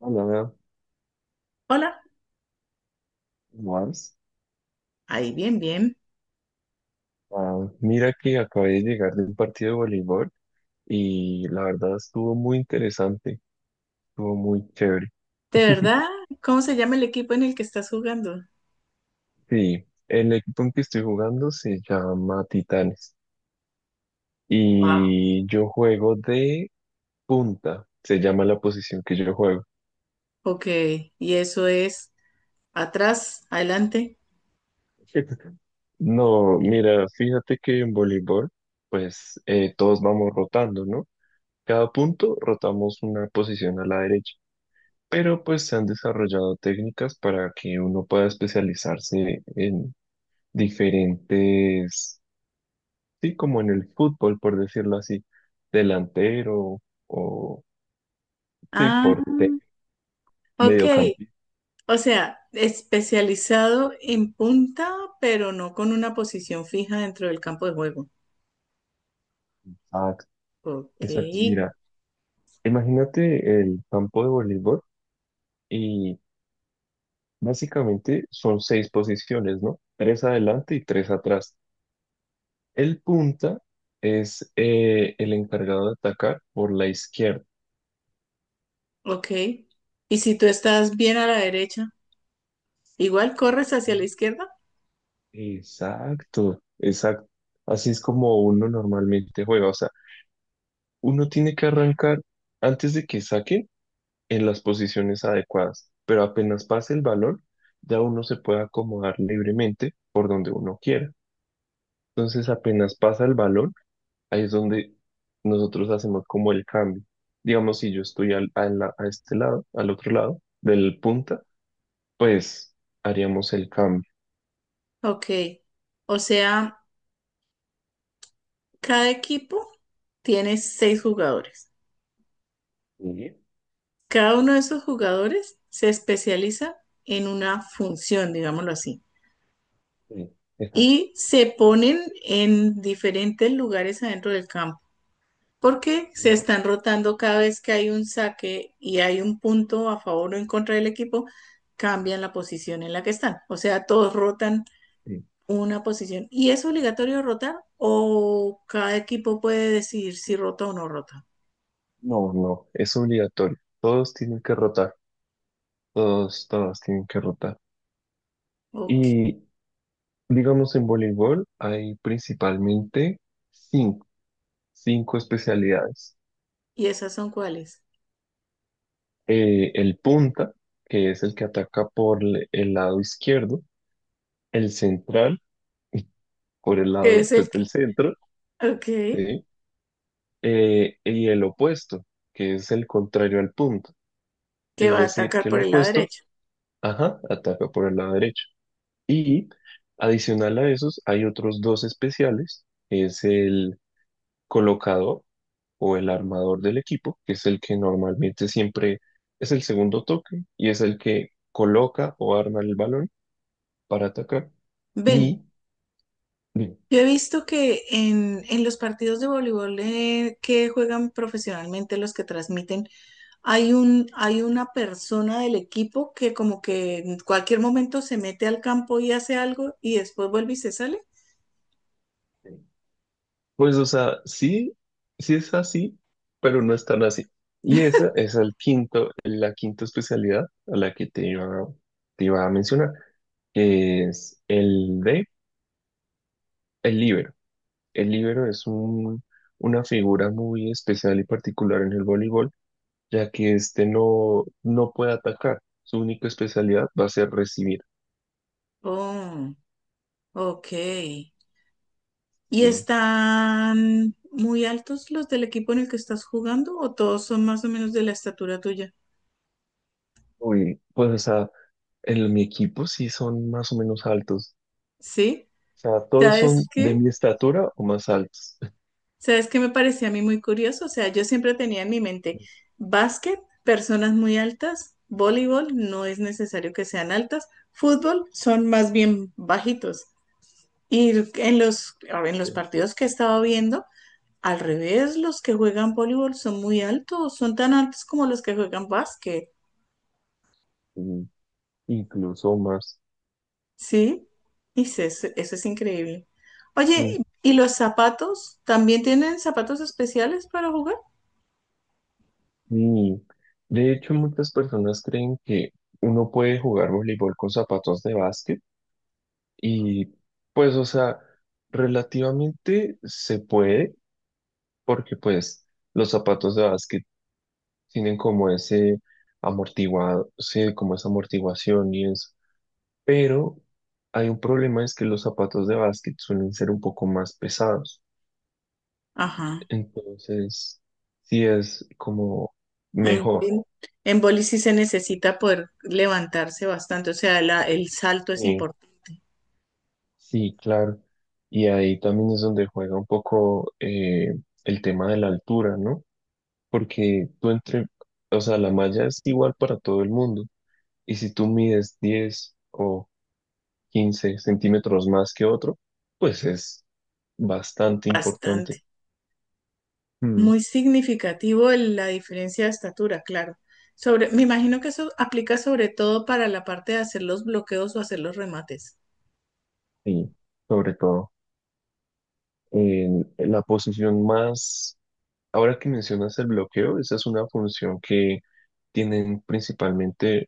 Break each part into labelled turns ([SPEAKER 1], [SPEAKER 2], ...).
[SPEAKER 1] Hola,
[SPEAKER 2] Hola,
[SPEAKER 1] más.
[SPEAKER 2] ahí bien, bien.
[SPEAKER 1] Ah, mira que acabé de llegar de un partido de voleibol y la verdad estuvo muy interesante, estuvo muy chévere.
[SPEAKER 2] ¿De verdad? ¿Cómo se llama el equipo en el que estás jugando?
[SPEAKER 1] Sí, el equipo en que estoy jugando se llama Titanes
[SPEAKER 2] Wow.
[SPEAKER 1] y yo juego de punta, se llama la posición que yo juego.
[SPEAKER 2] Ok, y eso es ¿atrás, adelante?
[SPEAKER 1] No, mira, fíjate que en voleibol, pues todos vamos rotando, ¿no? Cada punto rotamos una posición a la derecha. Pero pues se han desarrollado técnicas para que uno pueda especializarse en diferentes, sí, como en el fútbol, por decirlo así, delantero o, sí,
[SPEAKER 2] Ah,
[SPEAKER 1] portero,
[SPEAKER 2] ok.
[SPEAKER 1] mediocampista.
[SPEAKER 2] O sea, especializado en punta, pero no con una posición fija dentro del campo de juego.
[SPEAKER 1] Ah,
[SPEAKER 2] Ok,
[SPEAKER 1] exacto, mira, imagínate el campo de voleibol y básicamente son seis posiciones, ¿no? Tres adelante y tres atrás. El punta es el encargado de atacar por la izquierda.
[SPEAKER 2] ok. ¿Y si tú estás bien a la derecha, igual corres hacia la izquierda?
[SPEAKER 1] Exacto, exacto. Así es como uno normalmente juega. O sea, uno tiene que arrancar antes de que saquen en las posiciones adecuadas, pero apenas pase el balón, ya uno se puede acomodar libremente por donde uno quiera. Entonces, apenas pasa el balón, ahí es donde nosotros hacemos como el cambio. Digamos, si yo estoy a este lado, al otro lado del punta, pues haríamos el cambio.
[SPEAKER 2] Ok. O sea, cada equipo tiene seis jugadores.
[SPEAKER 1] Sí,
[SPEAKER 2] Cada uno de esos jugadores se especializa en una función, digámoslo así,
[SPEAKER 1] sí,
[SPEAKER 2] y se ponen en diferentes lugares adentro del campo, porque se
[SPEAKER 1] exacto.
[SPEAKER 2] están rotando cada vez que hay un saque y hay un punto a favor o en contra del equipo, cambian la posición en la que están. O sea, todos rotan una posición. ¿Y es obligatorio rotar o cada equipo puede decidir si rota o no rota?
[SPEAKER 1] No, no, es obligatorio. Todos tienen que rotar. Todos, todos tienen que rotar.
[SPEAKER 2] Ok.
[SPEAKER 1] Y digamos en voleibol hay principalmente cinco, cinco especialidades.
[SPEAKER 2] ¿Y esas son cuáles?
[SPEAKER 1] El punta, que es el que ataca por el lado izquierdo, el central, por el
[SPEAKER 2] ¿Qué
[SPEAKER 1] lado
[SPEAKER 2] es
[SPEAKER 1] pues,
[SPEAKER 2] el...
[SPEAKER 1] del centro,
[SPEAKER 2] Ok.
[SPEAKER 1] ¿sí? Y el opuesto, que es el contrario al punta.
[SPEAKER 2] Que
[SPEAKER 1] Es
[SPEAKER 2] va a
[SPEAKER 1] decir,
[SPEAKER 2] atacar
[SPEAKER 1] que el
[SPEAKER 2] por el lado
[SPEAKER 1] opuesto,
[SPEAKER 2] derecho.
[SPEAKER 1] ajá, ataca por el lado derecho. Y adicional a esos, hay otros dos especiales, que es el colocador o el armador del equipo, que es el que normalmente siempre es el segundo toque y es el que coloca o arma el balón para atacar.
[SPEAKER 2] Ven,
[SPEAKER 1] Y
[SPEAKER 2] yo he visto que en los partidos de voleibol que juegan profesionalmente los que transmiten, hay una persona del equipo que como que en cualquier momento se mete al campo y hace algo y después vuelve y se sale.
[SPEAKER 1] pues, o sea, sí, sí es así, pero no es tan así. Y esa es el quinto, la quinta especialidad a la que te iba a mencionar, que es el de el líbero. El líbero es una figura muy especial y particular en el voleibol, ya que este no, no puede atacar. Su única especialidad va a ser recibir.
[SPEAKER 2] Oh, ok. ¿Y
[SPEAKER 1] Sí.
[SPEAKER 2] están muy altos los del equipo en el que estás jugando o todos son más o menos de la estatura tuya?
[SPEAKER 1] Uy, pues, o sea, en mi equipo sí son más o menos altos.
[SPEAKER 2] ¿Sí?
[SPEAKER 1] O sea, todos son
[SPEAKER 2] ¿Sabes
[SPEAKER 1] de
[SPEAKER 2] qué?
[SPEAKER 1] mi estatura o más altos.
[SPEAKER 2] ¿Sabes qué me parecía a mí muy curioso? O sea, yo siempre tenía en mi mente básquet, personas muy altas, voleibol, no es necesario que sean altas, fútbol, son más bien bajitos. Y en los, en
[SPEAKER 1] Sí,
[SPEAKER 2] los partidos que estaba viendo, al revés, los que juegan voleibol son muy altos, son tan altos como los que juegan básquet,
[SPEAKER 1] sí, incluso más.
[SPEAKER 2] ¿sí? Y eso, eso es increíble.
[SPEAKER 1] Mm,
[SPEAKER 2] Oye, ¿y los zapatos? ¿También tienen zapatos especiales para jugar?
[SPEAKER 1] Y de hecho, muchas personas creen que uno puede jugar voleibol con zapatos de básquet. Y pues, o sea, relativamente se puede, porque pues los zapatos de básquet tienen como ese amortiguado, sí, como esa amortiguación y eso. Pero hay un problema, es que los zapatos de básquet suelen ser un poco más pesados.
[SPEAKER 2] Ajá.
[SPEAKER 1] Entonces, sí es como
[SPEAKER 2] En,
[SPEAKER 1] mejor.
[SPEAKER 2] bowling- en boli sí se necesita poder levantarse bastante, o sea, el salto es
[SPEAKER 1] Sí,
[SPEAKER 2] importante,
[SPEAKER 1] sí, claro. Y ahí también es donde juega un poco el tema de la altura, ¿no? Porque tú entre, o sea, la malla es igual para todo el mundo. Y si tú mides 10 o 15 centímetros más que otro, pues es bastante
[SPEAKER 2] bastante.
[SPEAKER 1] importante. Mm,
[SPEAKER 2] Muy significativo la diferencia de estatura, claro. Sobre, me imagino que eso aplica sobre todo para la parte de hacer los bloqueos o hacer los remates.
[SPEAKER 1] Y sobre todo, en la posición más... Ahora que mencionas el bloqueo, esa es una función que tienen principalmente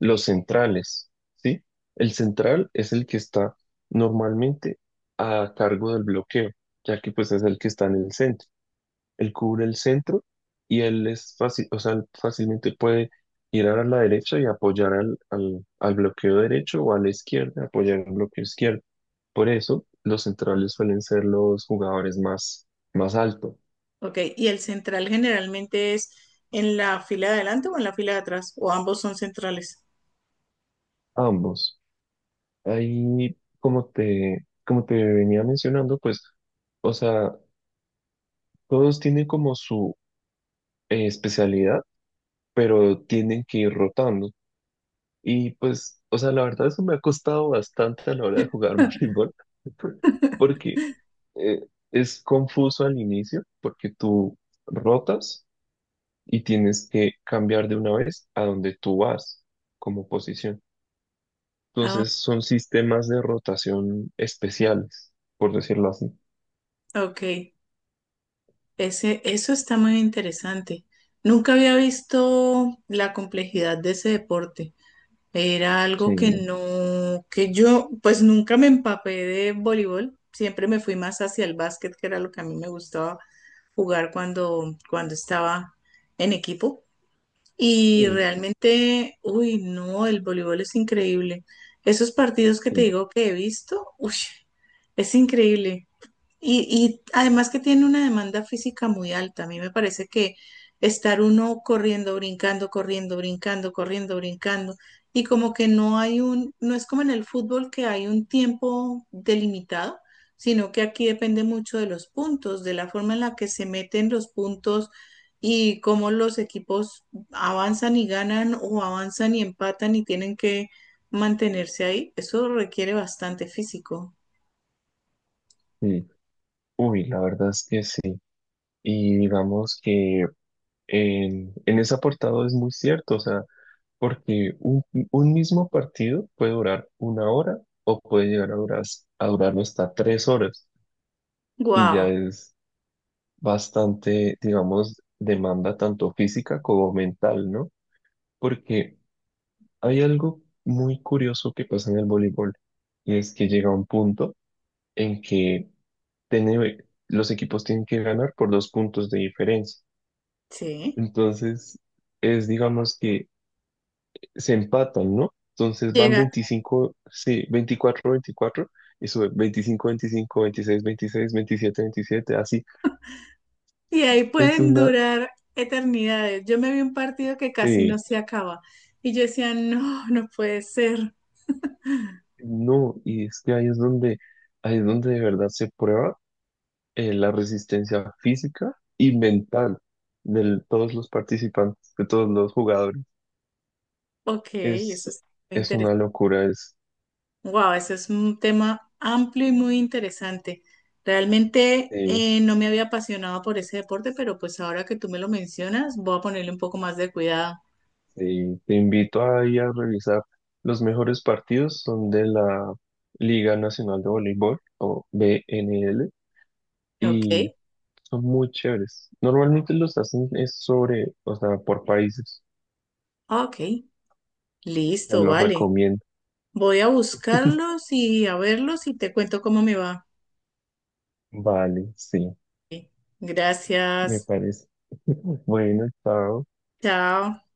[SPEAKER 1] los centrales, ¿sí? El central es el que está normalmente a cargo del bloqueo, ya que pues es el que está en el centro. Él cubre el centro y él es fácil, o sea, él fácilmente puede girar a la derecha y apoyar al bloqueo derecho o a la izquierda, apoyar al bloqueo izquierdo. Por eso, los centrales suelen ser los jugadores más altos,
[SPEAKER 2] Ok, ¿y el central generalmente es en la fila de adelante o en la fila de atrás? ¿O ambos son centrales?
[SPEAKER 1] ambos. Ahí, como te venía mencionando, pues, o sea, todos tienen como su especialidad, pero tienen que ir rotando. Y pues, o sea, la verdad eso me ha costado bastante a la hora de jugar voleibol, porque eh, es confuso al inicio, porque tú rotas y tienes que cambiar de una vez a donde tú vas como posición.
[SPEAKER 2] Ah,
[SPEAKER 1] Entonces son sistemas de rotación especiales, por decirlo así.
[SPEAKER 2] ok. Ese, eso está muy interesante. Nunca había visto la complejidad de ese deporte. Era algo que
[SPEAKER 1] Sí.
[SPEAKER 2] no, que yo pues nunca me empapé de voleibol. Siempre me fui más hacia el básquet, que era lo que a mí me gustaba jugar cuando, cuando estaba en equipo. Y
[SPEAKER 1] Mm,
[SPEAKER 2] realmente, uy, no, el voleibol es increíble. Esos partidos que te
[SPEAKER 1] sí,
[SPEAKER 2] digo que he visto, uy, es increíble. Y además que tiene una demanda física muy alta. A mí me parece que estar uno corriendo, brincando, corriendo, brincando, corriendo, brincando, y como que no es como en el fútbol que hay un tiempo delimitado, sino que aquí depende mucho de los puntos, de la forma en la que se meten los puntos y cómo los equipos avanzan y ganan o avanzan y empatan y tienen que mantenerse ahí. Eso requiere bastante físico.
[SPEAKER 1] sí. Uy, la verdad es que sí. Y digamos que en ese apartado es muy cierto, o sea, porque un mismo partido puede durar una hora o puede llegar a durar, hasta 3 horas y ya
[SPEAKER 2] Wow,
[SPEAKER 1] es bastante, digamos, demanda tanto física como mental, ¿no? Porque hay algo muy curioso que pasa en el voleibol y es que llega un punto en que tiene- los equipos tienen que ganar por dos puntos de diferencia.
[SPEAKER 2] sí.
[SPEAKER 1] Entonces, es, digamos que se empatan, ¿no? Entonces van
[SPEAKER 2] Llega-
[SPEAKER 1] 25, sí, 24, 24 y sube 25, 25, 26, 26, 27, 27, así.
[SPEAKER 2] Y ahí
[SPEAKER 1] Es
[SPEAKER 2] pueden
[SPEAKER 1] una,
[SPEAKER 2] durar eternidades. Yo me vi un partido que casi no
[SPEAKER 1] eh,
[SPEAKER 2] se acaba. Y yo decía, no, no puede ser.
[SPEAKER 1] no, y es que ahí es donde de verdad se prueba la resistencia física y mental de todos los participantes, de todos los jugadores.
[SPEAKER 2] Ok, eso
[SPEAKER 1] Es,
[SPEAKER 2] es muy
[SPEAKER 1] es
[SPEAKER 2] interesante.
[SPEAKER 1] una locura, es,
[SPEAKER 2] Wow, eso es un tema amplio y muy interesante. Realmente
[SPEAKER 1] eh,
[SPEAKER 2] no me había apasionado por ese deporte, pero pues ahora que tú me lo mencionas, voy a ponerle un poco más de cuidado.
[SPEAKER 1] sí, te invito ahí a revisar. Los mejores partidos son de la Liga Nacional de Voleibol o BNL
[SPEAKER 2] Ok,
[SPEAKER 1] y son muy chéveres. Normalmente los hacen es sobre, o sea, por países.
[SPEAKER 2] ok,
[SPEAKER 1] Te
[SPEAKER 2] listo,
[SPEAKER 1] los
[SPEAKER 2] vale.
[SPEAKER 1] recomiendo.
[SPEAKER 2] Voy a buscarlos y a verlos y te cuento cómo me va.
[SPEAKER 1] Vale, sí,
[SPEAKER 2] Ok,
[SPEAKER 1] me
[SPEAKER 2] gracias.
[SPEAKER 1] parece. Bueno, está
[SPEAKER 2] Chao.